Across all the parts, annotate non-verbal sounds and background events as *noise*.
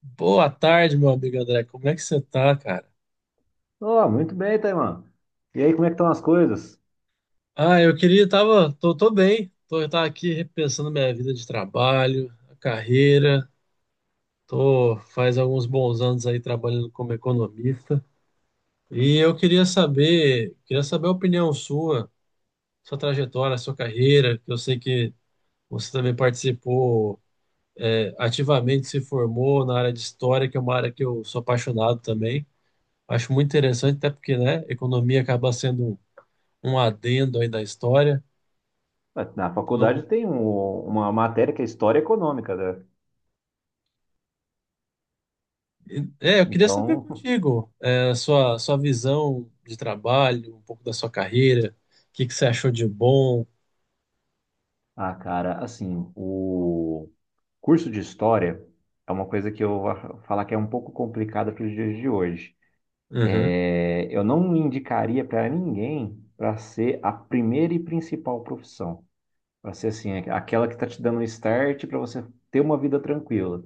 Boa tarde, meu amigo André. Como é que você tá, cara? Oh, muito bem, Taiman. E aí, como é que estão as coisas? Ah, eu queria, tava, tô, Tô bem. Eu tava aqui repensando minha vida de trabalho, a carreira. Tô faz alguns bons anos aí trabalhando como economista. E eu queria saber a opinião sua, sua trajetória, sua carreira, que eu sei que você também participou, ativamente se formou na área de história, que é uma área que eu sou apaixonado também. Acho muito interessante, até porque, né, economia acaba sendo um adendo aí da história. Ué, na faculdade Então, tem uma matéria que é História Econômica, né? é, eu queria saber Então, *laughs* contigo, é, a sua, sua visão de trabalho, um pouco da sua carreira, o que que você achou de bom. ah, cara, assim, o curso de História é uma coisa que eu vou falar que é um pouco complicada para os dias de hoje. Uhum, É, eu não indicaria para ninguém para ser a primeira e principal profissão. Para ser, assim, aquela que está te dando um start para você ter uma vida tranquila.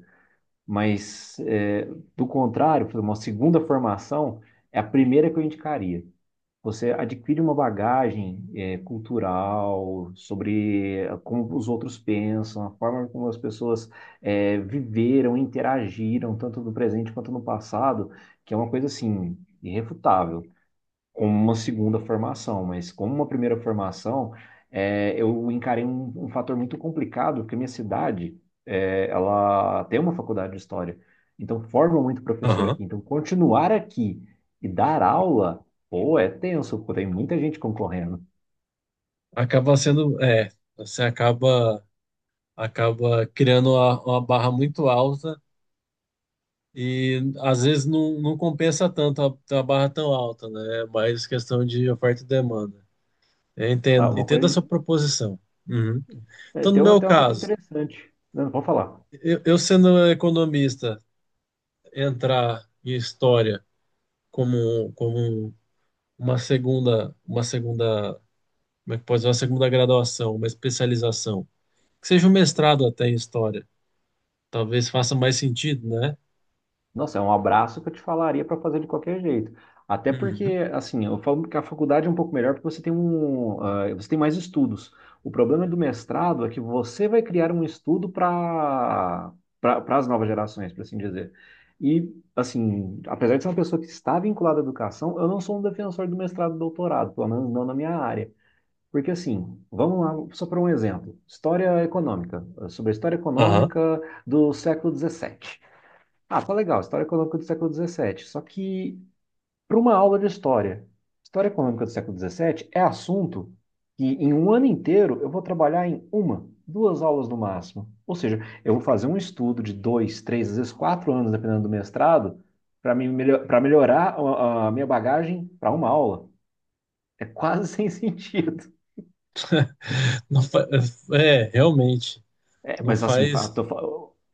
Mas, é, do contrário, por exemplo, uma segunda formação é a primeira que eu indicaria. Você adquire uma bagagem, é, cultural sobre como os outros pensam, a forma como as pessoas, é, viveram, interagiram, tanto no presente quanto no passado, que é uma coisa assim, irrefutável como uma segunda formação, mas como uma primeira formação, é, eu encarei um fator muito complicado, porque minha cidade, é, ela tem uma faculdade de história, então forma muito professor aham. aqui. Então, continuar aqui e dar aula, pô, é tenso, pô, tem muita gente concorrendo. Acaba sendo, é, você acaba, acaba criando uma barra muito alta e às vezes não, não compensa tanto a, ter uma barra tão alta, né? É mais questão de oferta e demanda. Eu Ah, entendo, uma entendo a coisa, sua proposição. Uhum. é, Então, no tem uma, meu tem uma coisa caso, interessante. Não, pode falar. Eu sendo economista, entrar em história como, como uma segunda, como é que pode dizer, uma segunda graduação, uma especialização, que seja um mestrado até em história, talvez faça mais sentido, né? Nossa, é um abraço que eu te falaria para fazer de qualquer jeito. Até porque, Uhum. assim, eu falo que a faculdade é um pouco melhor porque você tem mais estudos. O problema do mestrado é que você vai criar um estudo para as novas gerações, por assim dizer. E, assim, apesar de ser uma pessoa que está vinculada à educação, eu não sou um defensor do mestrado e doutorado, pelo menos não na minha área. Porque, assim, vamos lá, só para um exemplo, história econômica, sobre a história Aham. econômica do século XVII. Ah, tá legal, História Econômica do século XVII. Só que, para uma aula de história, História Econômica do século XVII é assunto que, em um ano inteiro, eu vou trabalhar em uma, duas aulas no máximo. Ou seja, eu vou fazer um estudo de dois, três, às vezes quatro anos, dependendo do mestrado, para melhorar a minha bagagem para uma aula. É quase *laughs* sem sentido. *laughs* Não fa- É, realmente, É, não mas assim, faz.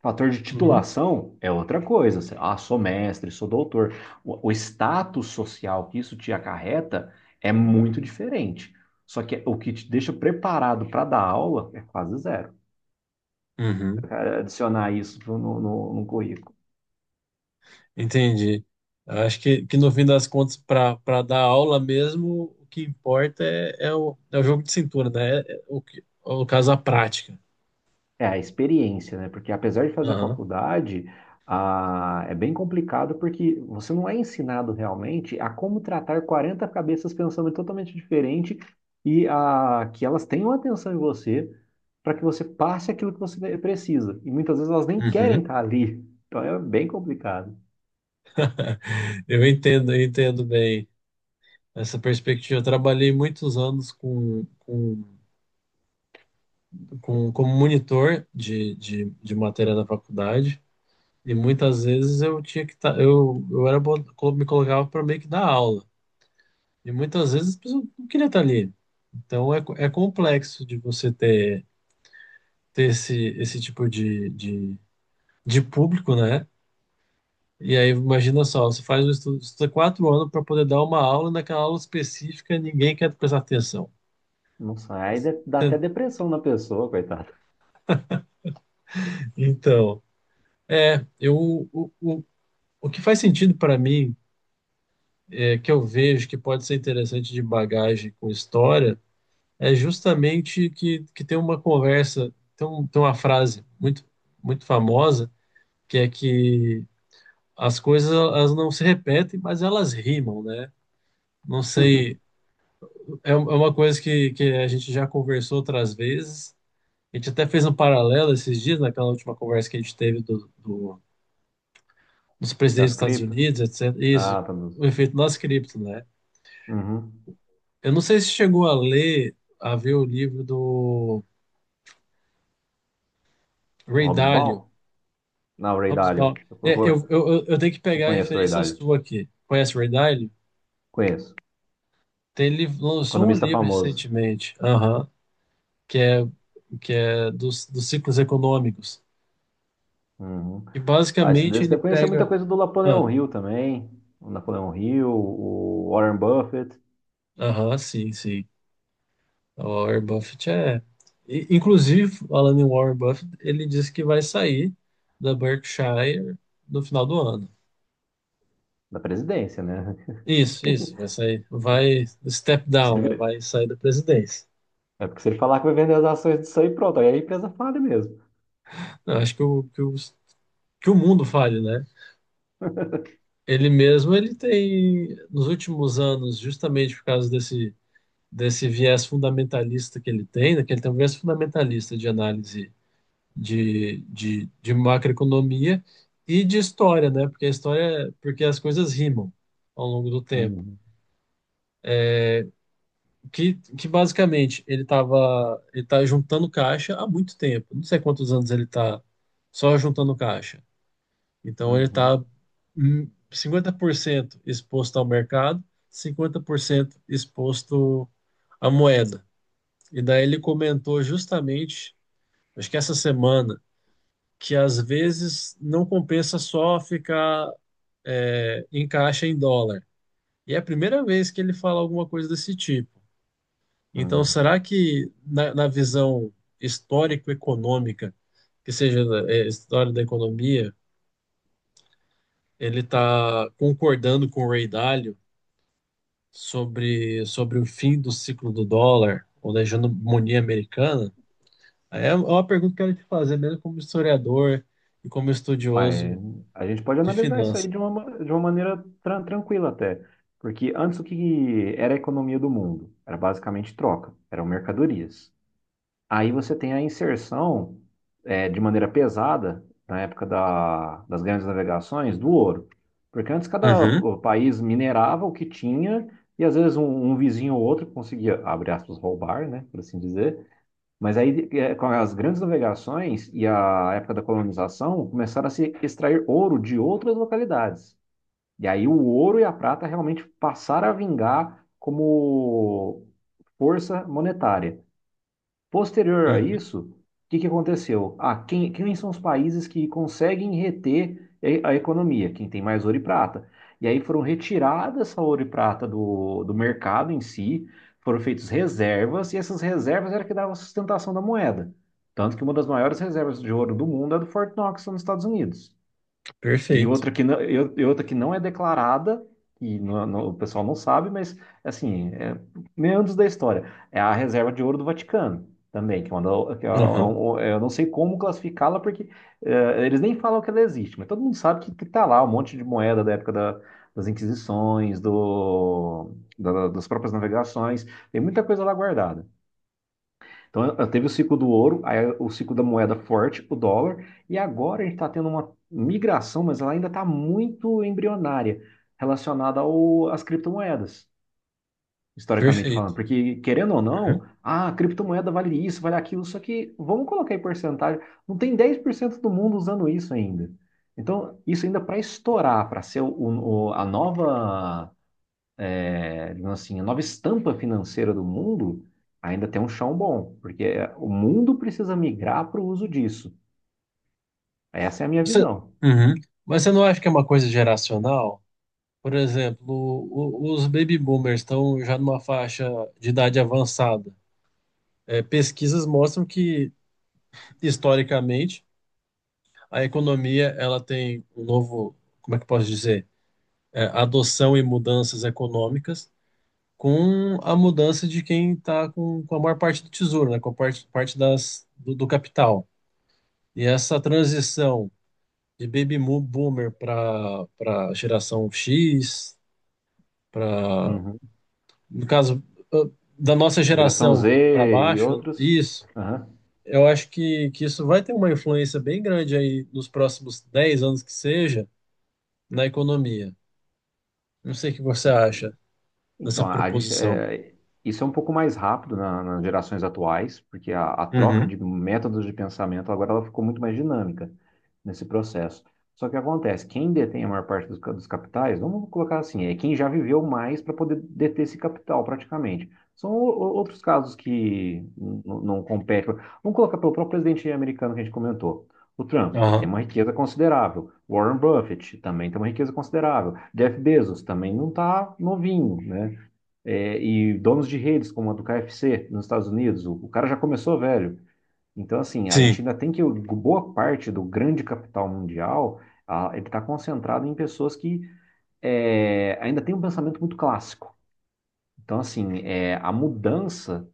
fator de Uhum. titulação é outra coisa. Ah, sou mestre, sou doutor. O status social que isso te acarreta é muito diferente. Só que o que te deixa preparado para dar aula é quase zero. Uhum. É adicionar isso no currículo. Entendi. Acho que no fim das contas, para para dar aula mesmo, o que importa é, é, o, é o jogo de cintura, né? É, é o, que- é o caso, a prática. É a experiência, né? Porque apesar de fazer a Aham. faculdade, ah, é bem complicado porque você não é ensinado realmente a como tratar 40 cabeças pensando totalmente diferente e a, que elas tenham atenção em você para que você passe aquilo que você precisa. E muitas vezes elas nem querem Uhum. estar ali. Então é bem complicado. Eu entendo bem essa perspectiva. Eu trabalhei muitos anos como monitor de matéria da faculdade e muitas vezes eu tinha que estar, eu era, bo- co- me colocava para meio que dar aula e muitas vezes eu não queria estar ali. Então é, co- é complexo de você ter, ter esse, esse tipo de público, né? E aí, imagina só, você faz um estudo, estuda 4 anos para poder dar uma aula, e naquela aula específica ninguém quer prestar atenção. Não sai, aí dá até depressão na pessoa, coitado. Então, é, eu, o, o, o que faz sentido para mim, é, que eu vejo que pode ser interessante de bagagem com história, é justamente que tem uma conversa, tem, um- tem uma frase muito, muito famosa, que é que as coisas elas não se repetem, mas elas rimam, né? Não sei, *laughs* é, um- é uma coisa que a gente já conversou outras vezes, a gente até fez um paralelo esses dias, naquela última conversa que a gente teve do dos presidentes Das dos Estados cripto? Unidos, etc. Isso, Ah, tá. O efeito das cripto, né? Uhum. Eu não sei se chegou a ler, a ver o livro do Do Ray Hobbs Dalio, Ball? Não, o Ray Dalio. Hobsbawm. Eu, É, eu, eu, eu, eu eu tenho que eu pegar a conheço o Ray referência Dalio. sua aqui. Conhece o Ray Dalio? Conheço. Tem, ele lançou um Economista livro famoso. recentemente, aham, que é, que é dos, dos ciclos econômicos. Uhum. E Ah, esse basicamente desse ele deve conhecer muita pega. coisa do Ah, Napoleão Hill também. O Napoleão Hill, o Warren Buffett, aham, sim, sim. O Warren Buffett é. I- Inclusive, falando em Warren Buffett, ele disse que vai sair da Berkshire no final do ano. da presidência, né? *laughs* Isso, vai sair. Vai step Porque se down, é, vai ele- sair da presidência. É porque se ele falar que vai vender as ações disso aí, pronto, aí a empresa falha mesmo. Eu acho que o, que o, que o mundo fale, né? Ele mesmo, ele tem, nos últimos anos, justamente por causa desse, desse viés fundamentalista que ele tem, né? Que ele tem um viés fundamentalista de análise de macroeconomia e de história, né? Porque a história, porque as coisas rimam ao longo do tempo. Uhum. Que basicamente ele estava ele tá juntando caixa há muito tempo. Não sei quantos anos ele está só juntando caixa. Então ele está Uhum. 50% exposto ao mercado, 50% exposto à moeda. E daí ele comentou justamente, acho que essa semana, que às vezes não compensa só ficar é, encaixa em dólar. E é a primeira vez que ele fala alguma coisa desse tipo. Então, Uhum. será que na, na visão histórico-econômica, que seja é, história da economia, ele está concordando com o Ray Dalio sobre, sobre o fim do ciclo do dólar ou da hegemonia americana? É é uma pergunta que eu quero te fazer, mesmo como historiador e como Mas estudioso a gente pode de analisar isso aí finanças. de uma maneira tranquila até. Porque antes o que era a economia do mundo? Era basicamente troca, eram mercadorias. Aí você tem a inserção de maneira pesada na época das grandes navegações do ouro. Porque antes cada Uhum, país minerava o que tinha e às vezes um vizinho ou outro conseguia, abre aspas, roubar, né, por assim dizer. Mas aí com as grandes navegações e a época da colonização começaram a se extrair ouro de outras localidades. E aí o ouro e a prata realmente passaram a vingar como força monetária. Posterior a uhum. isso, o que que aconteceu? Ah, quem são os países que conseguem reter a economia? Quem tem mais ouro e prata. E aí foram retiradas essa ouro e prata do mercado em si, foram feitas reservas, e essas reservas era que davam sustentação da moeda. Tanto que uma das maiores reservas de ouro do mundo é a do Fort Knox, nos Estados Unidos. E Perfeito. outra que não, e ou- e outra que não é declarada, e o pessoal não sabe, mas assim, é meandros da história. É a reserva de ouro do Vaticano também, que é uma, da- que é Uhum, um- é, eu não sei como classificá-la, porque eles nem falam que ela existe, mas todo mundo sabe que tá lá um monte de moeda da época das Inquisições, das próprias navegações, tem muita coisa lá guardada. Então, eu teve o ciclo do ouro, aí o ciclo da moeda forte, o dólar, e agora a gente está tendo uma migração, mas ela ainda está muito embrionária, relacionada às criptomoedas, historicamente perfeito. falando. Porque, querendo ou não, ah, a criptomoeda vale isso, vale aquilo, só que vamos colocar em porcentagem, não tem 10% do mundo usando isso ainda. Então, isso ainda para estourar, para ser o- a nova digamos assim, a nova estampa financeira do mundo, ainda tem um chão bom, porque o mundo precisa migrar para o uso disso. Essa é a minha Você, visão. uhum, mas você não acha que é uma coisa geracional? Por exemplo, o- os baby boomers estão já numa faixa de idade avançada. É, pesquisas mostram que, historicamente, a economia ela tem um novo, como é que eu posso dizer? É, adoção e mudanças econômicas com a mudança de quem está com a maior parte do tesouro, né? Com a parte, parte das, do, do capital. E essa transição de baby mo- boomer para geração X para, Uhum. no caso, ah, da nossa Geração Z geração para e baixo, outros. isso, Aham. eu acho que isso vai ter uma influência bem grande aí nos próximos 10 anos que seja na economia. Não sei o que você acha Então, dessa proposição. Isso é um pouco mais rápido nas gerações atuais, porque a troca de Uhum. métodos de pensamento agora ela ficou muito mais dinâmica nesse processo. Só que acontece, quem detém a maior parte dos capitais, vamos colocar assim, é quem já viveu mais para poder deter esse capital praticamente. São outros casos que não competem. Vamos colocar pelo próprio presidente americano que a gente comentou. O Trump, ele tem Aham. uma riqueza considerável. Warren Buffett também tem uma riqueza considerável. Jeff Bezos também não está novinho, né? E donos de redes, como a do KFC nos Estados Unidos, o cara já começou velho. Então, assim, a Sim. gente ainda tem que. Boa parte do grande capital mundial, ah, ele está concentrado em pessoas que ainda têm um pensamento muito clássico. Então, assim, a mudança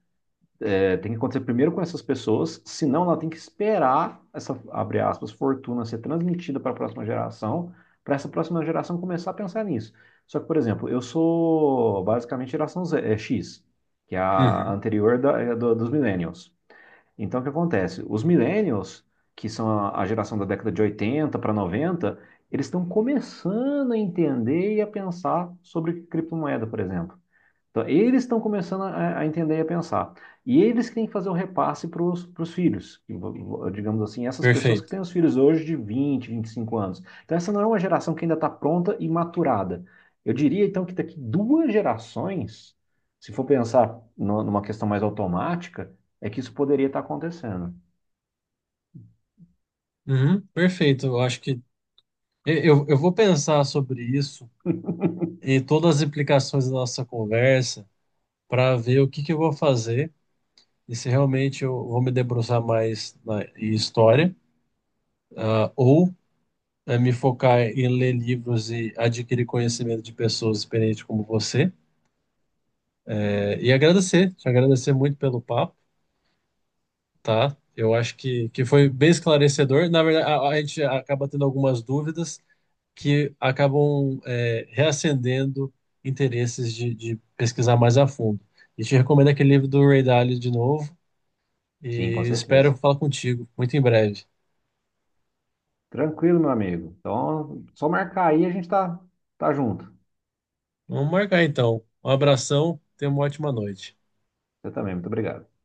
tem que acontecer primeiro com essas pessoas, senão ela tem que esperar essa, abre aspas, fortuna ser transmitida para a próxima geração, para essa próxima geração começar a pensar nisso. Só que, por exemplo, eu sou basicamente geração X, que é a Uhum. anterior dos millennials. Então, o que acontece? Os millennials, que são a geração da década de 80 para 90, eles estão começando a entender e a pensar sobre criptomoeda, por exemplo. Então, eles estão começando a entender e a pensar. E eles que têm que fazer o repasse para os filhos. E, digamos assim, essas pessoas que Perfeito. têm os filhos hoje de 20, 25 anos. Então, essa não é uma geração que ainda está pronta e maturada. Eu diria, então, que daqui duas gerações, se for pensar numa questão mais automática, é que isso poderia estar acontecendo. Uhum, perfeito. Eu acho que eu vou pensar sobre isso e todas as implicações da nossa conversa para ver o que que eu vou fazer e se realmente eu vou me debruçar mais na em história ah, ou é, me focar em ler livros e adquirir conhecimento de pessoas experientes como você. É, e agradecer, te agradecer muito pelo papo, tá? Eu acho que foi bem esclarecedor. Na verdade, a gente acaba tendo algumas dúvidas que acabam é, reacendendo interesses de pesquisar mais a fundo. E te recomendo aquele livro do Ray Dalio de novo Sim, com e certeza. espero falar contigo muito em breve. Tranquilo, meu amigo. Então, só marcar aí, a gente tá junto. Vamos marcar então. Um abração, tenha uma ótima noite. Você também, muito obrigado.